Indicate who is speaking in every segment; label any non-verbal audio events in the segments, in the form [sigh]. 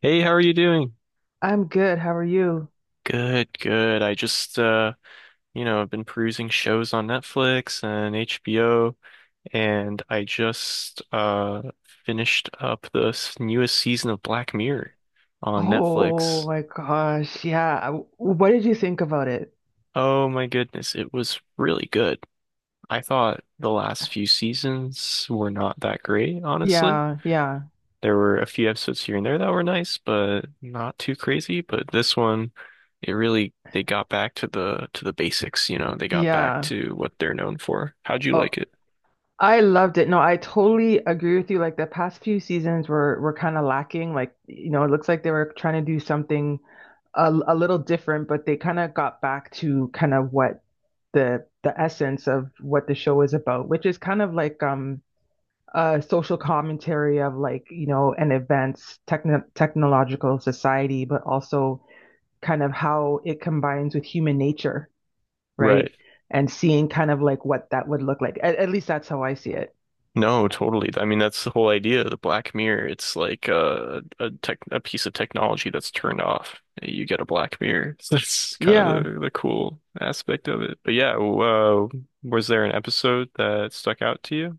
Speaker 1: Hey, how are you doing?
Speaker 2: I'm good. How are you?
Speaker 1: Good, good. I just you know, I've been perusing shows on Netflix and HBO, and I just finished up the newest season of Black Mirror on
Speaker 2: Oh
Speaker 1: Netflix.
Speaker 2: my gosh. Yeah. What did you think about it?
Speaker 1: Oh my goodness, it was really good. I thought the last few seasons were not that great, honestly.
Speaker 2: Yeah, yeah,
Speaker 1: There were a few episodes here and there that were nice, but not too crazy. But this one, it really they got back to the basics, you know, they got back
Speaker 2: yeah.
Speaker 1: to what they're known for. How'd you
Speaker 2: Oh,
Speaker 1: like it?
Speaker 2: I loved it. No, I totally agree with you. Like the past few seasons were kind of lacking. Like, you know, it looks like they were trying to do something a little different, but they kind of got back to kind of what the essence of what the show is about, which is kind of like a social commentary of like, you know, an advanced technological society, but also kind of how it combines with human nature,
Speaker 1: Right.
Speaker 2: right? And seeing kind of like what that would look like. At least that's how I see it.
Speaker 1: No, totally. I mean, that's the whole idea of The Black Mirror. It's like a piece of technology that's turned off. You get a Black Mirror. [laughs] So that's kind of
Speaker 2: Yeah.
Speaker 1: the cool aspect of it. But yeah, was there an episode that stuck out to you?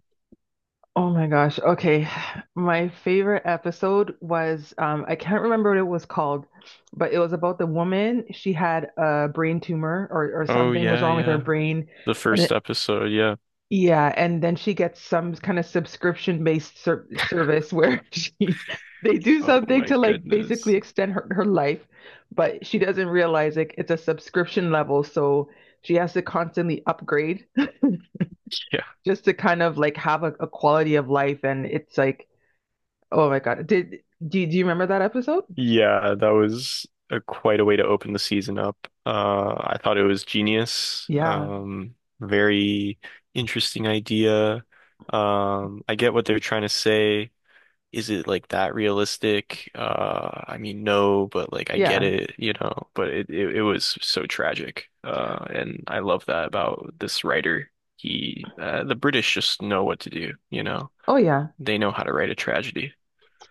Speaker 2: Oh my gosh. Okay. [sighs] My favorite episode was I can't remember what it was called, but it was about the woman. She had a brain tumor or
Speaker 1: Oh
Speaker 2: something was
Speaker 1: yeah,
Speaker 2: wrong with her
Speaker 1: yeah.
Speaker 2: brain.
Speaker 1: The
Speaker 2: And.
Speaker 1: first episode, yeah.
Speaker 2: Yeah, and then she gets some kind of subscription-based service where [laughs] she they do
Speaker 1: Oh
Speaker 2: something
Speaker 1: my
Speaker 2: to like basically
Speaker 1: goodness.
Speaker 2: extend her life, but she doesn't realize like it's a subscription level, so she has to constantly upgrade
Speaker 1: Yeah.
Speaker 2: [laughs] just to kind of like have a quality of life and it's like oh my God. Did do you remember that episode?
Speaker 1: Yeah, that was a, quite a way to open the season up. I thought it was genius.
Speaker 2: Yeah.
Speaker 1: Very interesting idea. I get what they're trying to say. Is it like that realistic? I mean, no, but like I get
Speaker 2: Yeah.
Speaker 1: it, you know, but it was so tragic. And I love that about this writer. He, the British just know what to do, you know,
Speaker 2: Oh yeah.
Speaker 1: they know how to write a tragedy.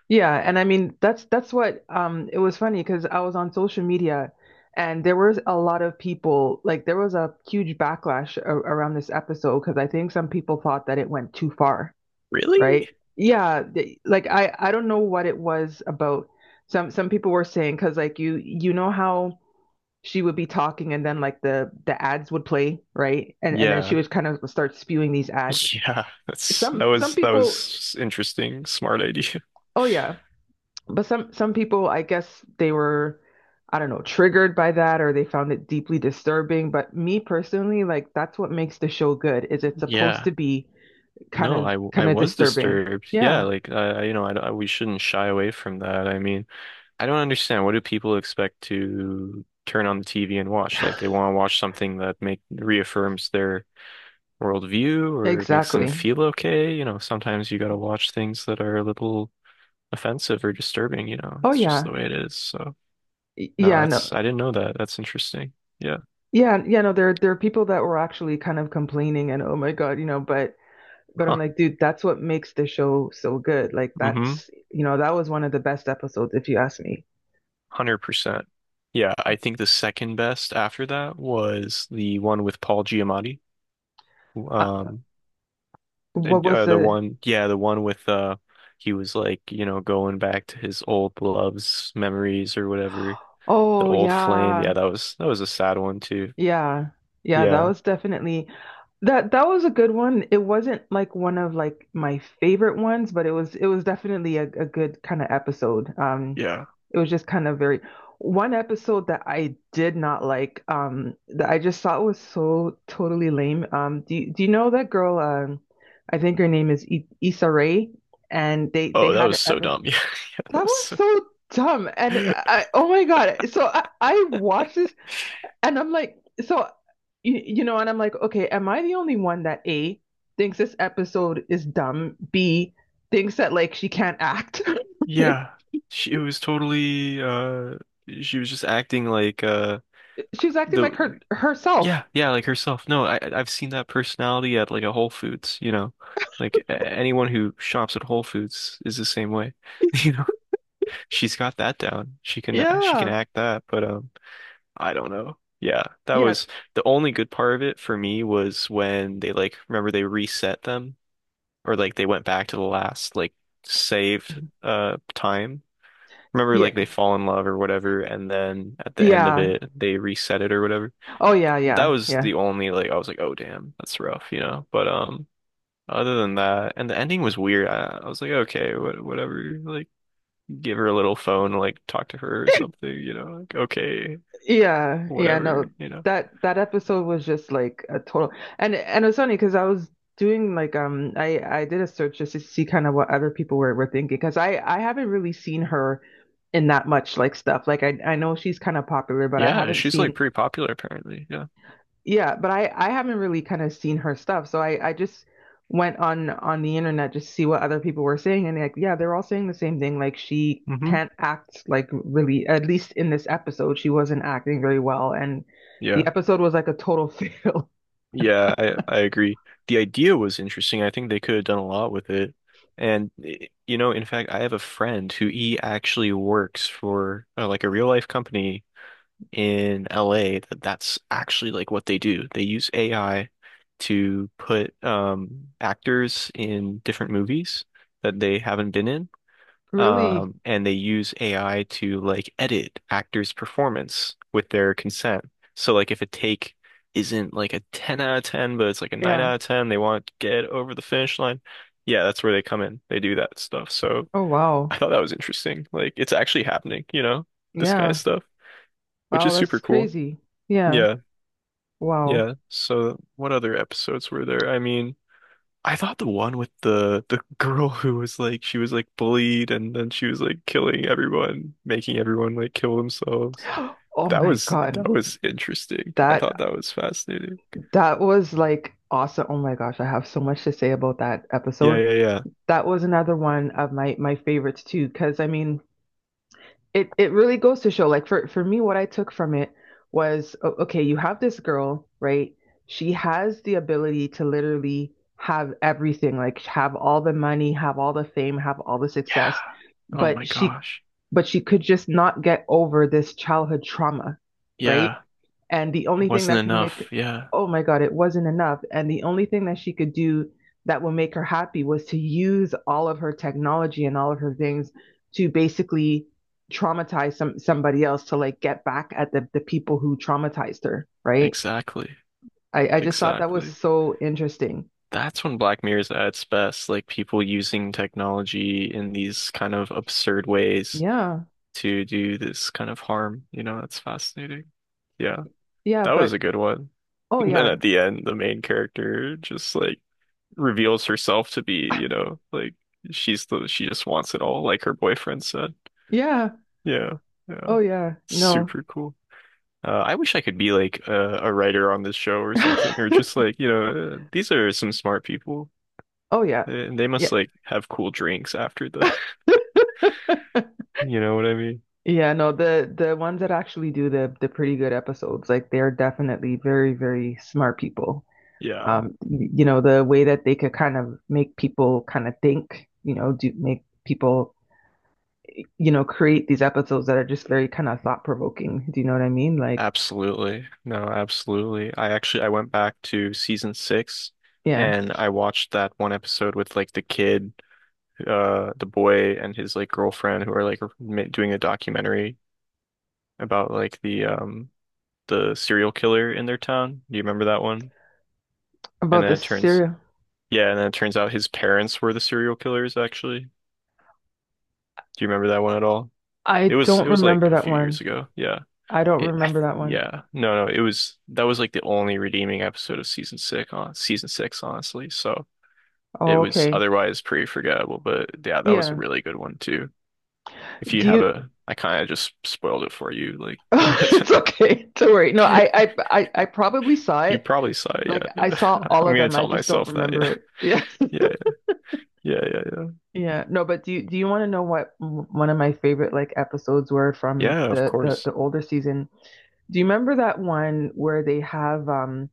Speaker 2: Yeah, and I mean that's what it was funny because I was on social media and there was a lot of people like there was a huge backlash a around this episode because I think some people thought that it went too far,
Speaker 1: Really?
Speaker 2: right? Yeah, like I don't know what it was about. Some people were saying because like you know how she would be talking and then like the ads would play, right? And then she
Speaker 1: Yeah.
Speaker 2: would
Speaker 1: [laughs]
Speaker 2: kind of start spewing these ads.
Speaker 1: Yeah, that's that
Speaker 2: Some
Speaker 1: was that
Speaker 2: people,
Speaker 1: was interesting, smart idea.
Speaker 2: oh yeah. But some people, I guess they were, I don't know, triggered by that or they found it deeply disturbing. But me personally, like that's what makes the show good, is it's supposed to
Speaker 1: Yeah.
Speaker 2: be kind
Speaker 1: No,
Speaker 2: of kind
Speaker 1: I
Speaker 2: of
Speaker 1: was
Speaker 2: disturbing.
Speaker 1: disturbed. Yeah,
Speaker 2: Yeah,
Speaker 1: like you know, we shouldn't shy away from that. I mean, I don't understand. What do people expect to turn on the TV and watch? Like they want to watch something that make reaffirms their worldview or makes them
Speaker 2: exactly.
Speaker 1: feel okay. You know, sometimes you gotta watch things that are a little offensive or disturbing, you know.
Speaker 2: Oh
Speaker 1: It's just the
Speaker 2: yeah.
Speaker 1: way it is. So
Speaker 2: Y-
Speaker 1: no,
Speaker 2: Yeah, no.
Speaker 1: that's I didn't know that. That's interesting. Yeah.
Speaker 2: Yeah, yeah, no, there are people that were actually kind of complaining and oh my God, you know, but I'm
Speaker 1: Huh.
Speaker 2: like, dude, that's what makes the show so good. Like
Speaker 1: Mm-hmm.
Speaker 2: that's, you know, that was one of the best episodes if you ask me.
Speaker 1: 100%. Yeah, I think the second best after that was the one with Paul Giamatti.
Speaker 2: Uh,
Speaker 1: Um
Speaker 2: what was
Speaker 1: the
Speaker 2: the
Speaker 1: one yeah, the one with he was like, you know, going back to his old loves, memories or whatever.
Speaker 2: [gasps]
Speaker 1: The
Speaker 2: Oh
Speaker 1: old flame. Yeah,
Speaker 2: yeah.
Speaker 1: that was a sad one too.
Speaker 2: Yeah. Yeah, that
Speaker 1: Yeah.
Speaker 2: was definitely that was a good one. It wasn't like one of like my favorite ones, but it was definitely a good kind of episode.
Speaker 1: Yeah.
Speaker 2: It was just kind of very one episode that I did not like that I just thought was so totally lame. Do you know that girl I think her name is I Issa Rae and they
Speaker 1: Oh, that
Speaker 2: had an
Speaker 1: was so
Speaker 2: episode
Speaker 1: dumb. [laughs] Yeah. That
Speaker 2: that
Speaker 1: was
Speaker 2: was
Speaker 1: so...
Speaker 2: so dumb and
Speaker 1: [laughs]
Speaker 2: I oh my God. So I watched this and I'm like, so you know, and I'm like, okay, am I the only one that A thinks this episode is dumb? B thinks that like she can't act. [laughs]
Speaker 1: Yeah. She it was totally she was just acting like
Speaker 2: She's acting like
Speaker 1: the
Speaker 2: herself.
Speaker 1: yeah, yeah, like herself. No, I've seen that personality at like a Whole Foods, you know. Like anyone who shops at Whole Foods is the same way. [laughs]
Speaker 2: [laughs]
Speaker 1: You know, she's got that down. She can
Speaker 2: Yeah.
Speaker 1: act that, but I don't know. Yeah, that
Speaker 2: Yeah.
Speaker 1: was the only good part of it for me was when they like remember they reset them or like they went back to the last like saved time. Remember
Speaker 2: Yeah.
Speaker 1: like they fall in love or whatever and then at the end of
Speaker 2: Yeah.
Speaker 1: it they reset it or whatever.
Speaker 2: Oh yeah,
Speaker 1: That
Speaker 2: yeah,
Speaker 1: was
Speaker 2: yeah.
Speaker 1: the only like I was like, "Oh damn, that's rough," you know. But other than that and the ending was weird. I was like, "Okay, what, whatever. Like give her a little phone, like talk to her or
Speaker 2: [laughs]
Speaker 1: something, you know. Like okay,
Speaker 2: Yeah, yeah,
Speaker 1: whatever,
Speaker 2: no.
Speaker 1: you know."
Speaker 2: That that episode was just like a total and it was funny because I was doing like I did a search just to see kind of what other people were thinking because I haven't really seen her in that much like stuff. Like I know she's kind of popular, but I
Speaker 1: Yeah,
Speaker 2: haven't
Speaker 1: she's like
Speaker 2: seen
Speaker 1: pretty popular apparently. Yeah.
Speaker 2: yeah, but I haven't really kind of seen her stuff, so I just went on the internet just to see what other people were saying, and like yeah, they're all saying the same thing. Like she
Speaker 1: Hmm.
Speaker 2: can't act like really, at least in this episode, she wasn't acting very well, and the
Speaker 1: Yeah.
Speaker 2: episode was like a total [laughs] fail.
Speaker 1: Yeah, I agree. The idea was interesting. I think they could have done a lot with it. And you know, in fact, I have a friend who he actually works for like a real life company in LA that that's actually like what they do. They use AI to put actors in different movies that they haven't been in.
Speaker 2: Really?
Speaker 1: And they use AI to like edit actors' performance with their consent. So like if a take isn't like a 10 out of 10, but it's like a 9
Speaker 2: Yeah.
Speaker 1: out of 10, they want to get over the finish line. Yeah, that's where they come in. They do that stuff. So
Speaker 2: Oh wow.
Speaker 1: I thought that was interesting. Like it's actually happening, you know, this kind of
Speaker 2: Yeah.
Speaker 1: stuff, which
Speaker 2: Wow,
Speaker 1: is super
Speaker 2: that's
Speaker 1: cool.
Speaker 2: crazy. Yeah.
Speaker 1: Yeah.
Speaker 2: Wow.
Speaker 1: Yeah. So what other episodes were there? I mean, I thought the one with the girl who was like she was like bullied and then she was like killing everyone, making everyone like kill themselves.
Speaker 2: [gasps] Oh
Speaker 1: That
Speaker 2: my
Speaker 1: was
Speaker 2: God.
Speaker 1: that was interesting. I thought
Speaker 2: That
Speaker 1: that was fascinating.
Speaker 2: that was like awesome. Oh my gosh, I have so much to say about that
Speaker 1: Yeah,
Speaker 2: episode.
Speaker 1: yeah, yeah.
Speaker 2: That was another one of my favorites too, because I mean, it really goes to show like for me what I took from it was okay, you have this girl, right? She has the ability to literally have everything, like have all the money, have all the fame, have all the
Speaker 1: Yeah.
Speaker 2: success,
Speaker 1: Oh my
Speaker 2: but she
Speaker 1: gosh.
Speaker 2: but she could just not get over this childhood trauma, right?
Speaker 1: Yeah.
Speaker 2: And the
Speaker 1: It
Speaker 2: only thing
Speaker 1: wasn't
Speaker 2: that could make her,
Speaker 1: enough. Yeah.
Speaker 2: oh my God, it wasn't enough. And the only thing that she could do that would make her happy was to use all of her technology and all of her things to basically traumatize somebody else to like get back at the people who traumatized her, right?
Speaker 1: Exactly.
Speaker 2: I just thought that was
Speaker 1: Exactly.
Speaker 2: so interesting.
Speaker 1: That's when Black Mirror's at its best, like people using technology in these kind of absurd ways
Speaker 2: Yeah.
Speaker 1: to do this kind of harm. You know, that's fascinating. Yeah.
Speaker 2: Yeah,
Speaker 1: That was a
Speaker 2: but
Speaker 1: good one. [laughs]
Speaker 2: oh
Speaker 1: And then
Speaker 2: yeah.
Speaker 1: at the end, the main character just like reveals herself to be, you know, like she just wants it all, like her boyfriend said.
Speaker 2: Yeah.
Speaker 1: Yeah, yeah,
Speaker 2: Oh yeah. No.
Speaker 1: super cool. I wish I could be like a writer on this show or something, or
Speaker 2: [laughs]
Speaker 1: just like, you know, these are some smart people,
Speaker 2: Oh yeah.
Speaker 1: and they
Speaker 2: Yeah.
Speaker 1: must like have cool drinks after the, [laughs] you know what I mean?
Speaker 2: Yeah, no, the ones that actually do the pretty good episodes, like they're definitely very, very smart people.
Speaker 1: Yeah.
Speaker 2: You know, the way that they could kind of make people kind of think, you know, do make people, you know, create these episodes that are just very kind of thought provoking. Do you know what I mean? Like,
Speaker 1: Absolutely. No, absolutely. I went back to season six
Speaker 2: yeah.
Speaker 1: and I watched that one episode with like the kid, the boy and his like girlfriend who are like doing a documentary about like the serial killer in their town. Do you remember that one? And
Speaker 2: About
Speaker 1: then
Speaker 2: the
Speaker 1: it turns
Speaker 2: serial.
Speaker 1: yeah, and then it turns out his parents were the serial killers actually. Do you remember that one at all?
Speaker 2: I
Speaker 1: It
Speaker 2: don't
Speaker 1: was
Speaker 2: remember
Speaker 1: like a
Speaker 2: that
Speaker 1: few
Speaker 2: one.
Speaker 1: years ago. Yeah.
Speaker 2: I don't
Speaker 1: It, I
Speaker 2: remember that one.
Speaker 1: yeah, no, no, it was that was like the only redeeming episode of season six on season six, honestly. So it
Speaker 2: Oh,
Speaker 1: was
Speaker 2: okay.
Speaker 1: otherwise pretty forgettable, but yeah, that was a
Speaker 2: Yeah.
Speaker 1: really good one too. If you
Speaker 2: Do
Speaker 1: have
Speaker 2: you? [laughs]
Speaker 1: I kind of just spoiled it for you, like [laughs]
Speaker 2: It's okay. Don't worry. No, I probably saw
Speaker 1: you
Speaker 2: it.
Speaker 1: probably saw it.
Speaker 2: Like
Speaker 1: Yeah,
Speaker 2: I saw
Speaker 1: yeah. [laughs]
Speaker 2: all
Speaker 1: I'm
Speaker 2: of
Speaker 1: gonna
Speaker 2: them. I
Speaker 1: tell
Speaker 2: just don't
Speaker 1: myself that.
Speaker 2: remember
Speaker 1: Yeah,
Speaker 2: it. [laughs] Yeah.
Speaker 1: [laughs] yeah, yeah, yeah, yeah,
Speaker 2: Yeah. No, but do you want to know what one of my favorite like episodes were from
Speaker 1: yeah. Of
Speaker 2: the the
Speaker 1: course.
Speaker 2: the older season? Do you remember that one where they have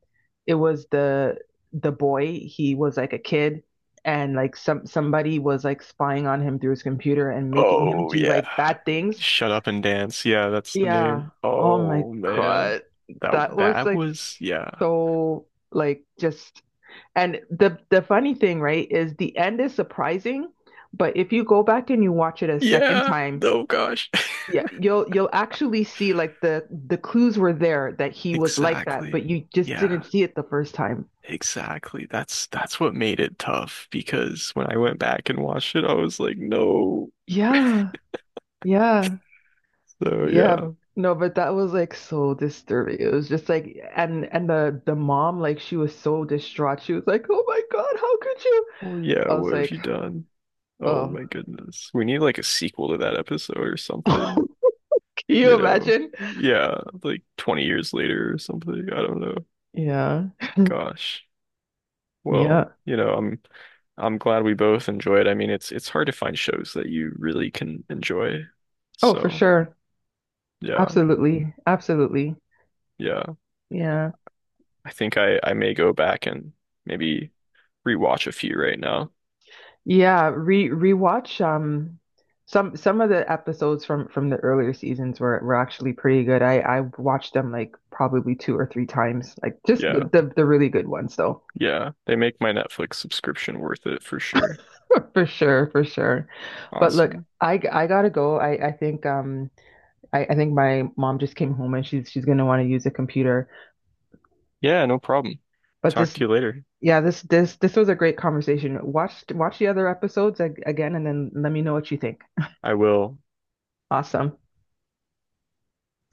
Speaker 2: it was the boy, he was like a kid and like somebody was like spying on him through his computer and making him
Speaker 1: Oh
Speaker 2: do
Speaker 1: yeah,
Speaker 2: like bad things?
Speaker 1: Shut Up and Dance. Yeah, that's the
Speaker 2: Yeah.
Speaker 1: name.
Speaker 2: Oh my
Speaker 1: Oh man,
Speaker 2: God.
Speaker 1: that
Speaker 2: That was
Speaker 1: that
Speaker 2: like
Speaker 1: was yeah.
Speaker 2: so like just And the funny thing, right, is the end is surprising, but if you go back and you watch it a second
Speaker 1: Yeah.
Speaker 2: time,
Speaker 1: Oh gosh.
Speaker 2: yeah, you'll actually see like the clues were there that he was like that, but
Speaker 1: Exactly.
Speaker 2: you just didn't
Speaker 1: Yeah,
Speaker 2: see it the first time.
Speaker 1: exactly. That's what made it tough because when I went back and watched it, I was like, no.
Speaker 2: Yeah, yeah,
Speaker 1: So
Speaker 2: yeah.
Speaker 1: yeah.
Speaker 2: No, but that was like so disturbing. It was just like, and the mom, like she was so distraught. She was like, "Oh my God, how could you?"
Speaker 1: Well, yeah,
Speaker 2: I was
Speaker 1: what have
Speaker 2: like,
Speaker 1: you done? Oh
Speaker 2: "Oh,
Speaker 1: my goodness. We need like a sequel to that episode or
Speaker 2: [laughs] can
Speaker 1: something,
Speaker 2: you
Speaker 1: you know.
Speaker 2: imagine?"
Speaker 1: Yeah, like 20 years later or something. I don't know.
Speaker 2: Yeah,
Speaker 1: Gosh. Well,
Speaker 2: yeah.
Speaker 1: you know, I'm glad we both enjoyed. I mean, it's hard to find shows that you really can enjoy.
Speaker 2: Oh, for
Speaker 1: So,
Speaker 2: sure.
Speaker 1: yeah.
Speaker 2: Absolutely, absolutely.
Speaker 1: Yeah.
Speaker 2: Yeah.
Speaker 1: I think I may go back and maybe rewatch a few right now.
Speaker 2: Yeah, re rewatch some of the episodes from the earlier seasons were actually pretty good. I watched them like probably two or three times. Like just
Speaker 1: Yeah.
Speaker 2: the really good ones though.
Speaker 1: Yeah. They make my Netflix subscription worth it for sure.
Speaker 2: [laughs] For sure, for sure. But look,
Speaker 1: Awesome.
Speaker 2: I gotta go. I think I think my mom just came home and she's gonna want to use a computer.
Speaker 1: Yeah, no problem.
Speaker 2: But
Speaker 1: Talk
Speaker 2: this
Speaker 1: to you later.
Speaker 2: yeah, this was a great conversation. Watch the other episodes ag again and then let me know what you think.
Speaker 1: I will
Speaker 2: Awesome.